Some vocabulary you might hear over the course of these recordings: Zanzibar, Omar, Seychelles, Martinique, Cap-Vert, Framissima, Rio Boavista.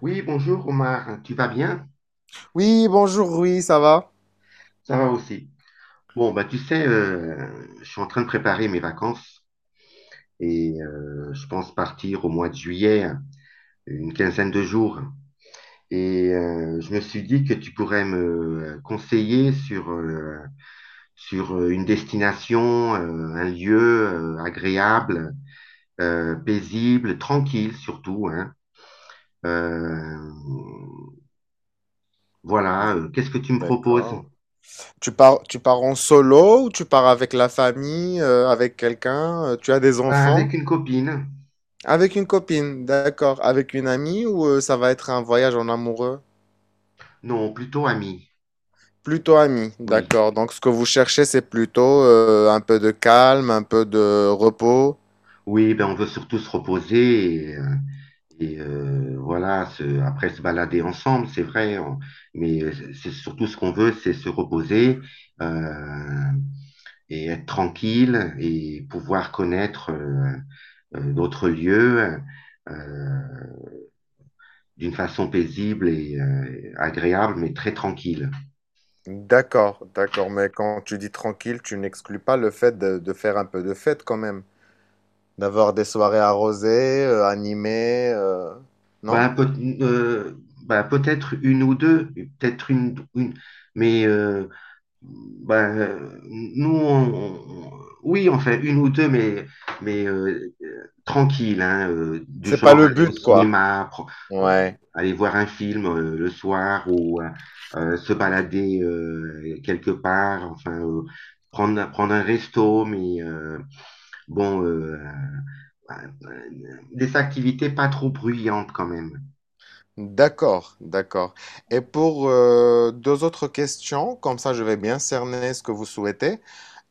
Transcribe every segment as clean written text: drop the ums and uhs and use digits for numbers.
Oui, bonjour Omar, tu vas bien? Oui, bonjour, oui, ça va? Ça va aussi. Bon, bah tu sais, je suis en train de préparer mes vacances et je pense partir au mois de juillet, une quinzaine de jours. Et je me suis dit que tu pourrais me conseiller sur une destination, un lieu agréable, paisible, tranquille surtout, hein. Euh, Mm, voilà, qu'est-ce que tu me proposes? D'accord. Tu pars en solo ou tu pars avec la famille, avec quelqu'un? Tu as des Bah, enfants? avec une copine. Avec une copine, d'accord. Avec une amie ou ça va être un voyage en amoureux? Non, plutôt amie. Plutôt ami, Oui, d'accord. Donc ce que vous cherchez, c'est plutôt un peu de calme, un peu de repos. oui, ben on veut surtout se reposer et voilà, après se balader ensemble, c'est vrai, mais c'est surtout ce qu'on veut, c'est se reposer euh, et être tranquille et pouvoir connaître d'autres lieux euh, d'une façon paisible et agréable, mais très tranquille. D'accord, d'accord. Mais quand tu dis tranquille, tu n'exclus pas le fait de faire un peu de fête quand même. D'avoir des soirées arrosées, animées, non? Ben, peut, euh, ben, peut-être une ou deux, peut-être une mais ben, nous, oui, on fait une ou deux, mais tranquille, hein, du C'est pas genre le aller au but, quoi. cinéma, euh, Ouais. aller voir un film le soir ou se balader quelque part, enfin, prendre un resto, mais bon, euh, euh, des activités pas trop bruyantes quand même. D'accord, d'accord. Et pour deux autres questions, comme ça je vais bien cerner ce que vous souhaitez.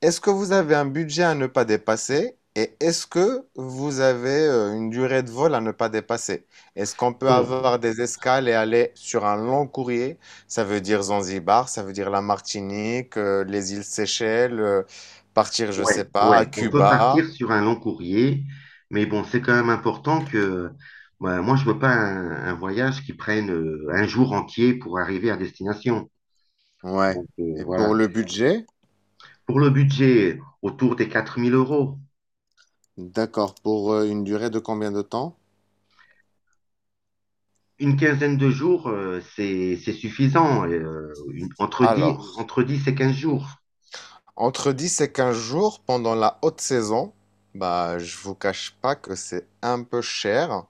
Est-ce que vous avez un budget à ne pas dépasser? Et est-ce que vous avez une durée de vol à ne pas dépasser? Est-ce qu'on peut Donc, avoir des escales et aller sur un long courrier? Ça veut dire Zanzibar, ça veut dire la Martinique, les îles Seychelles, partir, je ouais, sais pas, à ouais, on peut Cuba. partir sur un long courrier, mais bon, c'est quand même important que bah, moi, je veux pas un voyage qui prenne un jour entier pour arriver à destination. Ouais. Donc Et pour voilà. le budget? Pour le budget, autour des 4000 euros. D'accord. Pour une durée de combien de temps? Une quinzaine de jours, c'est suffisant. Et, entre dix Alors, entre dix et 15 jours, entre 10 et 15 jours pendant la haute saison, bah, je vous cache pas que c'est un peu cher.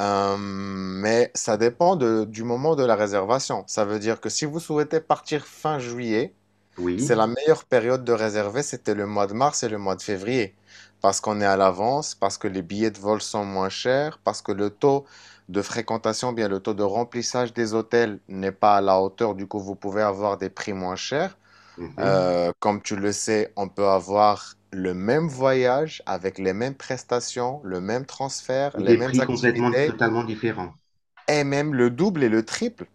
Mais ça dépend du moment de la réservation. Ça veut dire que si vous souhaitez partir fin juillet, oui. c'est la meilleure période de réserver, c'était le mois de mars et le mois de février, parce qu'on est à l'avance, parce que les billets de vol sont moins chers, parce que le taux de fréquentation, bien le taux de remplissage des hôtels n'est pas à la hauteur, du coup vous pouvez avoir des prix moins chers. Mhm. Comme tu le sais, on peut avoir le même voyage avec les mêmes prestations, le même transfert, Et les des mêmes prix complètement, activités, totalement différents. et même le double et le triple.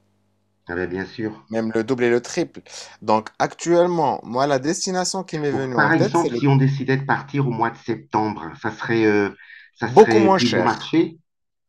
Ah ben, bien sûr. Même le double et le triple. Donc actuellement, moi, la destination qui m'est Bon, venue en par tête, c'est exemple, si le… on décidait de partir au mois de septembre, hein, ça serait, euh, ça Beaucoup serait moins plus bon cher. marché?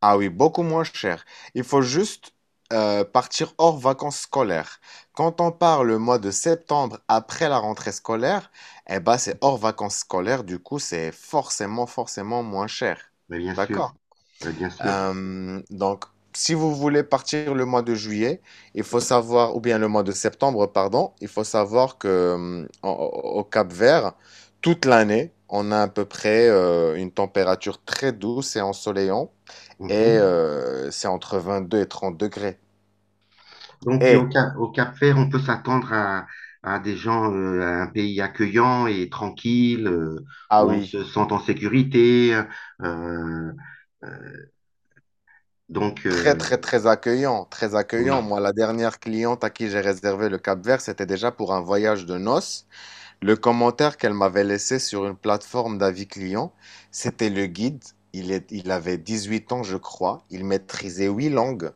Ah oui, beaucoup moins cher. Il faut juste partir hors vacances scolaires. Quand on part le mois de septembre après la rentrée scolaire, eh ben c'est hors vacances scolaires, du coup c'est forcément moins cher. Mais bien D'accord? sûr, mais bien sûr. Donc, si vous voulez partir le mois de juillet, il faut savoir, ou bien le mois de septembre, pardon, il faut savoir que au Cap Vert, toute l'année, on a à peu près une température très douce et ensoleillante, et Mhm. C'est entre 22 et 30 degrés. Donc, et au Et, Cap, au Cap-Vert, on peut s'attendre à des gens, à un pays accueillant et tranquille, ah où on oui, se sent en sécurité. euh, euh, donc, très très très accueillant, très oui. accueillant. Moi, la dernière cliente à qui j'ai réservé le Cap Vert, c'était déjà pour un voyage de noces. Le commentaire qu'elle m'avait laissé sur une plateforme d'avis client, c'était le guide. Il avait 18 ans, je crois. Il maîtrisait 8 langues.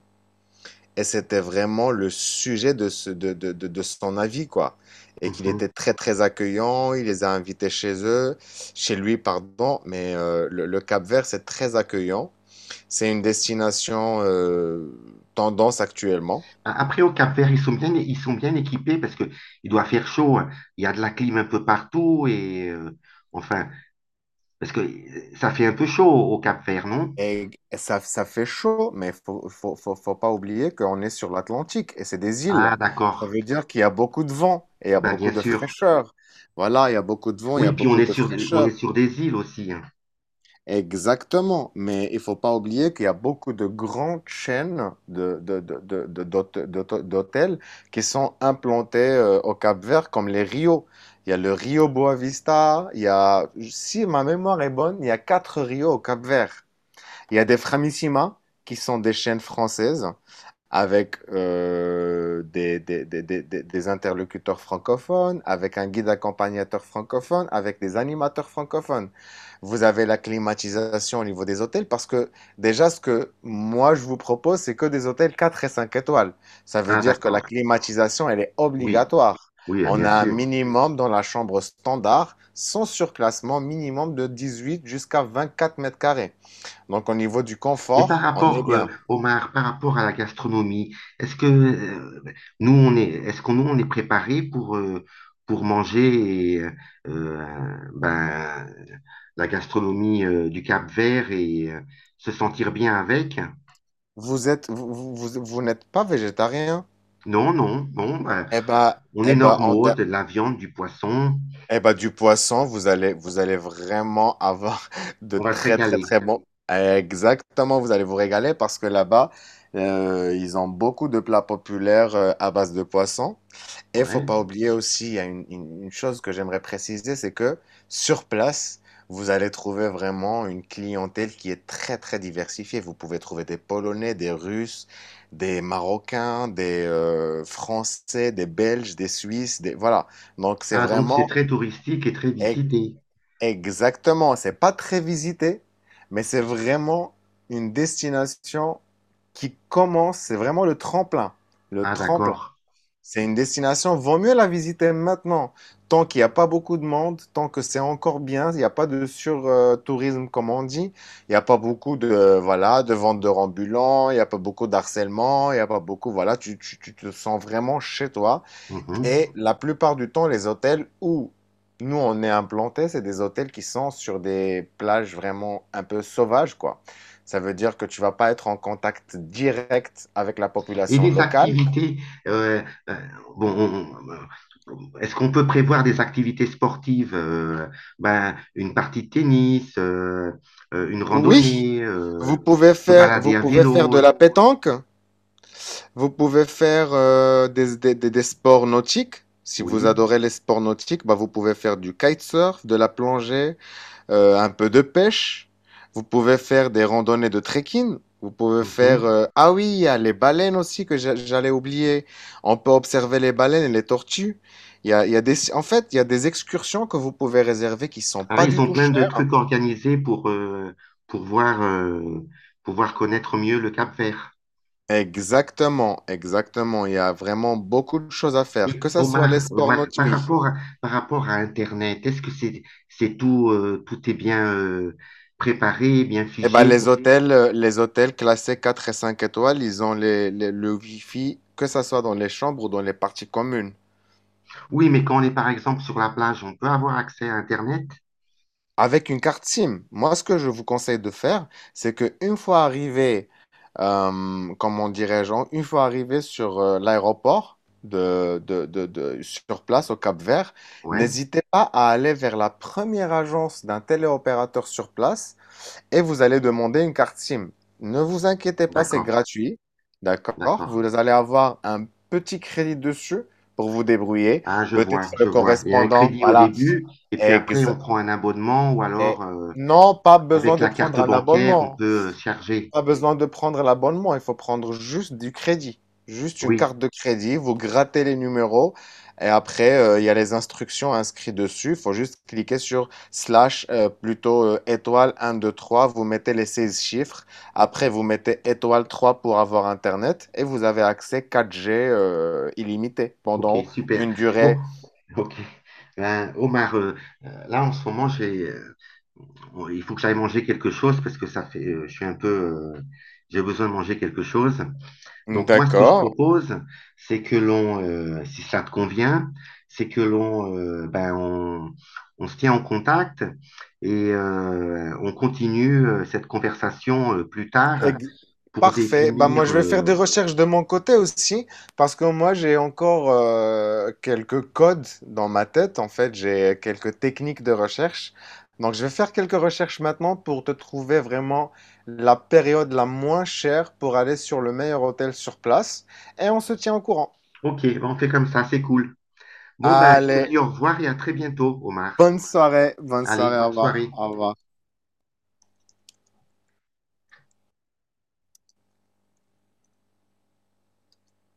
Et c'était vraiment le sujet de, ce- de son avis, quoi. Et qu'il Mhm. était très, très accueillant. Il les a invités chez eux, chez lui, pardon. Mais le Cap-Vert, c'est très accueillant. C'est une destination tendance actuellement. Après, au Cap-Vert, ils sont bien équipés parce que il doit faire chaud, hein. Il y a de la clim un peu partout et enfin, parce que ça fait un peu chaud au Cap-Vert, non? Et ça fait chaud, mais faut pas oublier qu'on est sur l'Atlantique et c'est des îles. Ah, Ça d'accord. veut dire qu'il y a beaucoup de vent et il y a Ben, beaucoup bien de sûr. fraîcheur. Voilà, il y a beaucoup de vent, il y Oui, a puis on beaucoup est de sur, on est fraîcheur. sur des îles aussi, hein. Exactement. Mais il faut pas oublier qu'il y a beaucoup de grandes chaînes d'hôtels qui sont implantées au Cap-Vert, comme les Rios. Il y a le Rio Boavista, il y a, si ma mémoire est bonne, il y a 4 Rios au Cap-Vert. Il y a des Framissima qui sont des chaînes françaises avec des interlocuteurs francophones, avec un guide accompagnateur francophone, avec des animateurs francophones. Vous avez la climatisation au niveau des hôtels parce que déjà ce que moi je vous propose, c'est que des hôtels 4 et 5 étoiles. Ça veut Ah, dire que la d'accord. climatisation, elle est Oui, obligatoire. oui, On bien a un sûr. minimum dans la chambre standard, sans surclassement, minimum de 18 jusqu'à 24 mètres carrés. Donc, au niveau du Et par confort, on est rapport, bien. Omar, par rapport à la gastronomie, est-ce que nous, on est, est-ce qu'on nous, on est préparé pour manger et ben, la gastronomie du Cap-Vert et se sentir bien avec? Vous êtes, vous n'êtes pas végétarien. Non, non. Bon, ben, Eh ben, on est eh ben, en normaux, ter- de la viande, du poisson. eh ben, du poisson, vous allez vraiment avoir de On va se très, très, régaler. très bons. Exactement, vous allez vous régaler parce que là-bas, ils ont beaucoup de plats populaires à base de poisson. Et faut Ouais. pas oublier aussi, il y a une chose que j'aimerais préciser, c'est que sur place, vous allez trouver vraiment une clientèle qui est très, très diversifiée. Vous pouvez trouver des Polonais, des Russes, des Marocains, des Français, des Belges, des Suisses, des… Voilà. Donc c'est Ah, donc c'est vraiment très touristique et très e- visité. Exactement, c'est pas très visité, mais c'est vraiment une destination qui commence, c'est vraiment le tremplin, le Ah, tremplin. d'accord. C'est une destination, vaut mieux la visiter maintenant. Tant qu'il n'y a pas beaucoup de monde, tant que c'est encore bien, il n'y a pas de sur-tourisme comme on dit, il n'y a pas beaucoup de, voilà, de vendeurs ambulants, il n'y a pas beaucoup d'harcèlement, il n'y a pas beaucoup, voilà, tu te sens vraiment chez toi. Mhm. Et la plupart du temps, les hôtels où nous on est implantés, c'est des hôtels qui sont sur des plages vraiment un peu sauvages, quoi. Ça veut dire que tu vas pas être en contact direct avec la Et population des locale. activités, euh, euh, bon, est-ce qu'on peut prévoir des activités sportives, ben, une partie de tennis, une Oui, randonnée, vous pouvez se faire, vous balader à pouvez faire vélo? de la pétanque, vous pouvez faire des sports nautiques. Si vous Oui. adorez les sports nautiques, bah, vous pouvez faire du kitesurf, de la plongée, un peu de pêche. Vous pouvez faire des randonnées de trekking. Vous pouvez faire… Mhm. Ah oui, il y a les baleines aussi que j'allais oublier. On peut observer les baleines et les tortues. Il y a des… En fait, il y a des excursions que vous pouvez réserver qui sont Ah, pas ils du ont tout plein de chères. trucs organisés pour voir, euh, pour voir connaître mieux le Cap-Vert. Exactement, exactement. Il y a vraiment beaucoup de choses à faire, Et que ce soit les Omar, sports Omar, nautiques. par Oui. rapport à, par rapport à Internet, est-ce que c'est tout, tout est bien préparé, bien Eh ben, figé? Les hôtels classés 4 et 5 étoiles, ils ont le Wi-Fi, que ce soit dans les chambres ou dans les parties communes, Oui, mais quand on est par exemple sur la plage, on peut avoir accès à Internet? avec une carte SIM. Moi, ce que je vous conseille de faire, c'est que une fois arrivé, comment dirais-je, une fois arrivé sur l'aéroport sur place au Cap-Vert, Ouais, n'hésitez pas à aller vers la première agence d'un téléopérateur sur place et vous allez demander une carte SIM. Ne vous inquiétez pas, c'est d'accord, gratuit. D'accord? Vous d'accord. allez avoir un petit crédit dessus pour vous débrouiller. Ah, je Peut-être vois, le je vois. Il y a un correspondant. crédit au Voilà. début, et puis après, Ex- on prend un abonnement, ou et alors, non, pas besoin avec de la carte prendre un bancaire, on abonnement. peut charger. Pas besoin de prendre l'abonnement, il faut prendre juste du crédit. Juste une Oui, carte de crédit, vous grattez les numéros et après, il y a les instructions inscrites dessus. Il faut juste cliquer sur slash, plutôt étoile un 2 3. Vous mettez les 16 chiffres. ok, Après, vous mettez étoile 3 pour avoir Internet et vous avez accès 4G illimité ok, pendant super. une Bon, durée. ok. Ben, Omar, là, en ce moment, bon, il faut que j'aille manger quelque chose parce que ça fait, je suis un peu, euh, j'ai besoin de manger quelque chose. Donc moi, ce que je D'accord. propose, c'est que l'on, si ça te convient, c'est que l'on, ben, on se tient en contact et on continue cette conversation plus tard Ex- pour Parfait. Bah, moi, définir. je vais faire des recherches de mon côté aussi, parce que moi, j'ai encore quelques codes dans ma tête. En fait, j'ai quelques techniques de recherche. Donc, je vais faire quelques recherches maintenant pour te trouver vraiment la période la moins chère pour aller sur le meilleur hôtel sur place. Et on se tient au courant. Ok, ben, on fait comme ça, c'est cool. Bon ben, je te Allez, dis au revoir et à très bientôt, Omar. bonne soirée. Bonne Allez, soirée. Au bonne revoir. soirée. Au revoir.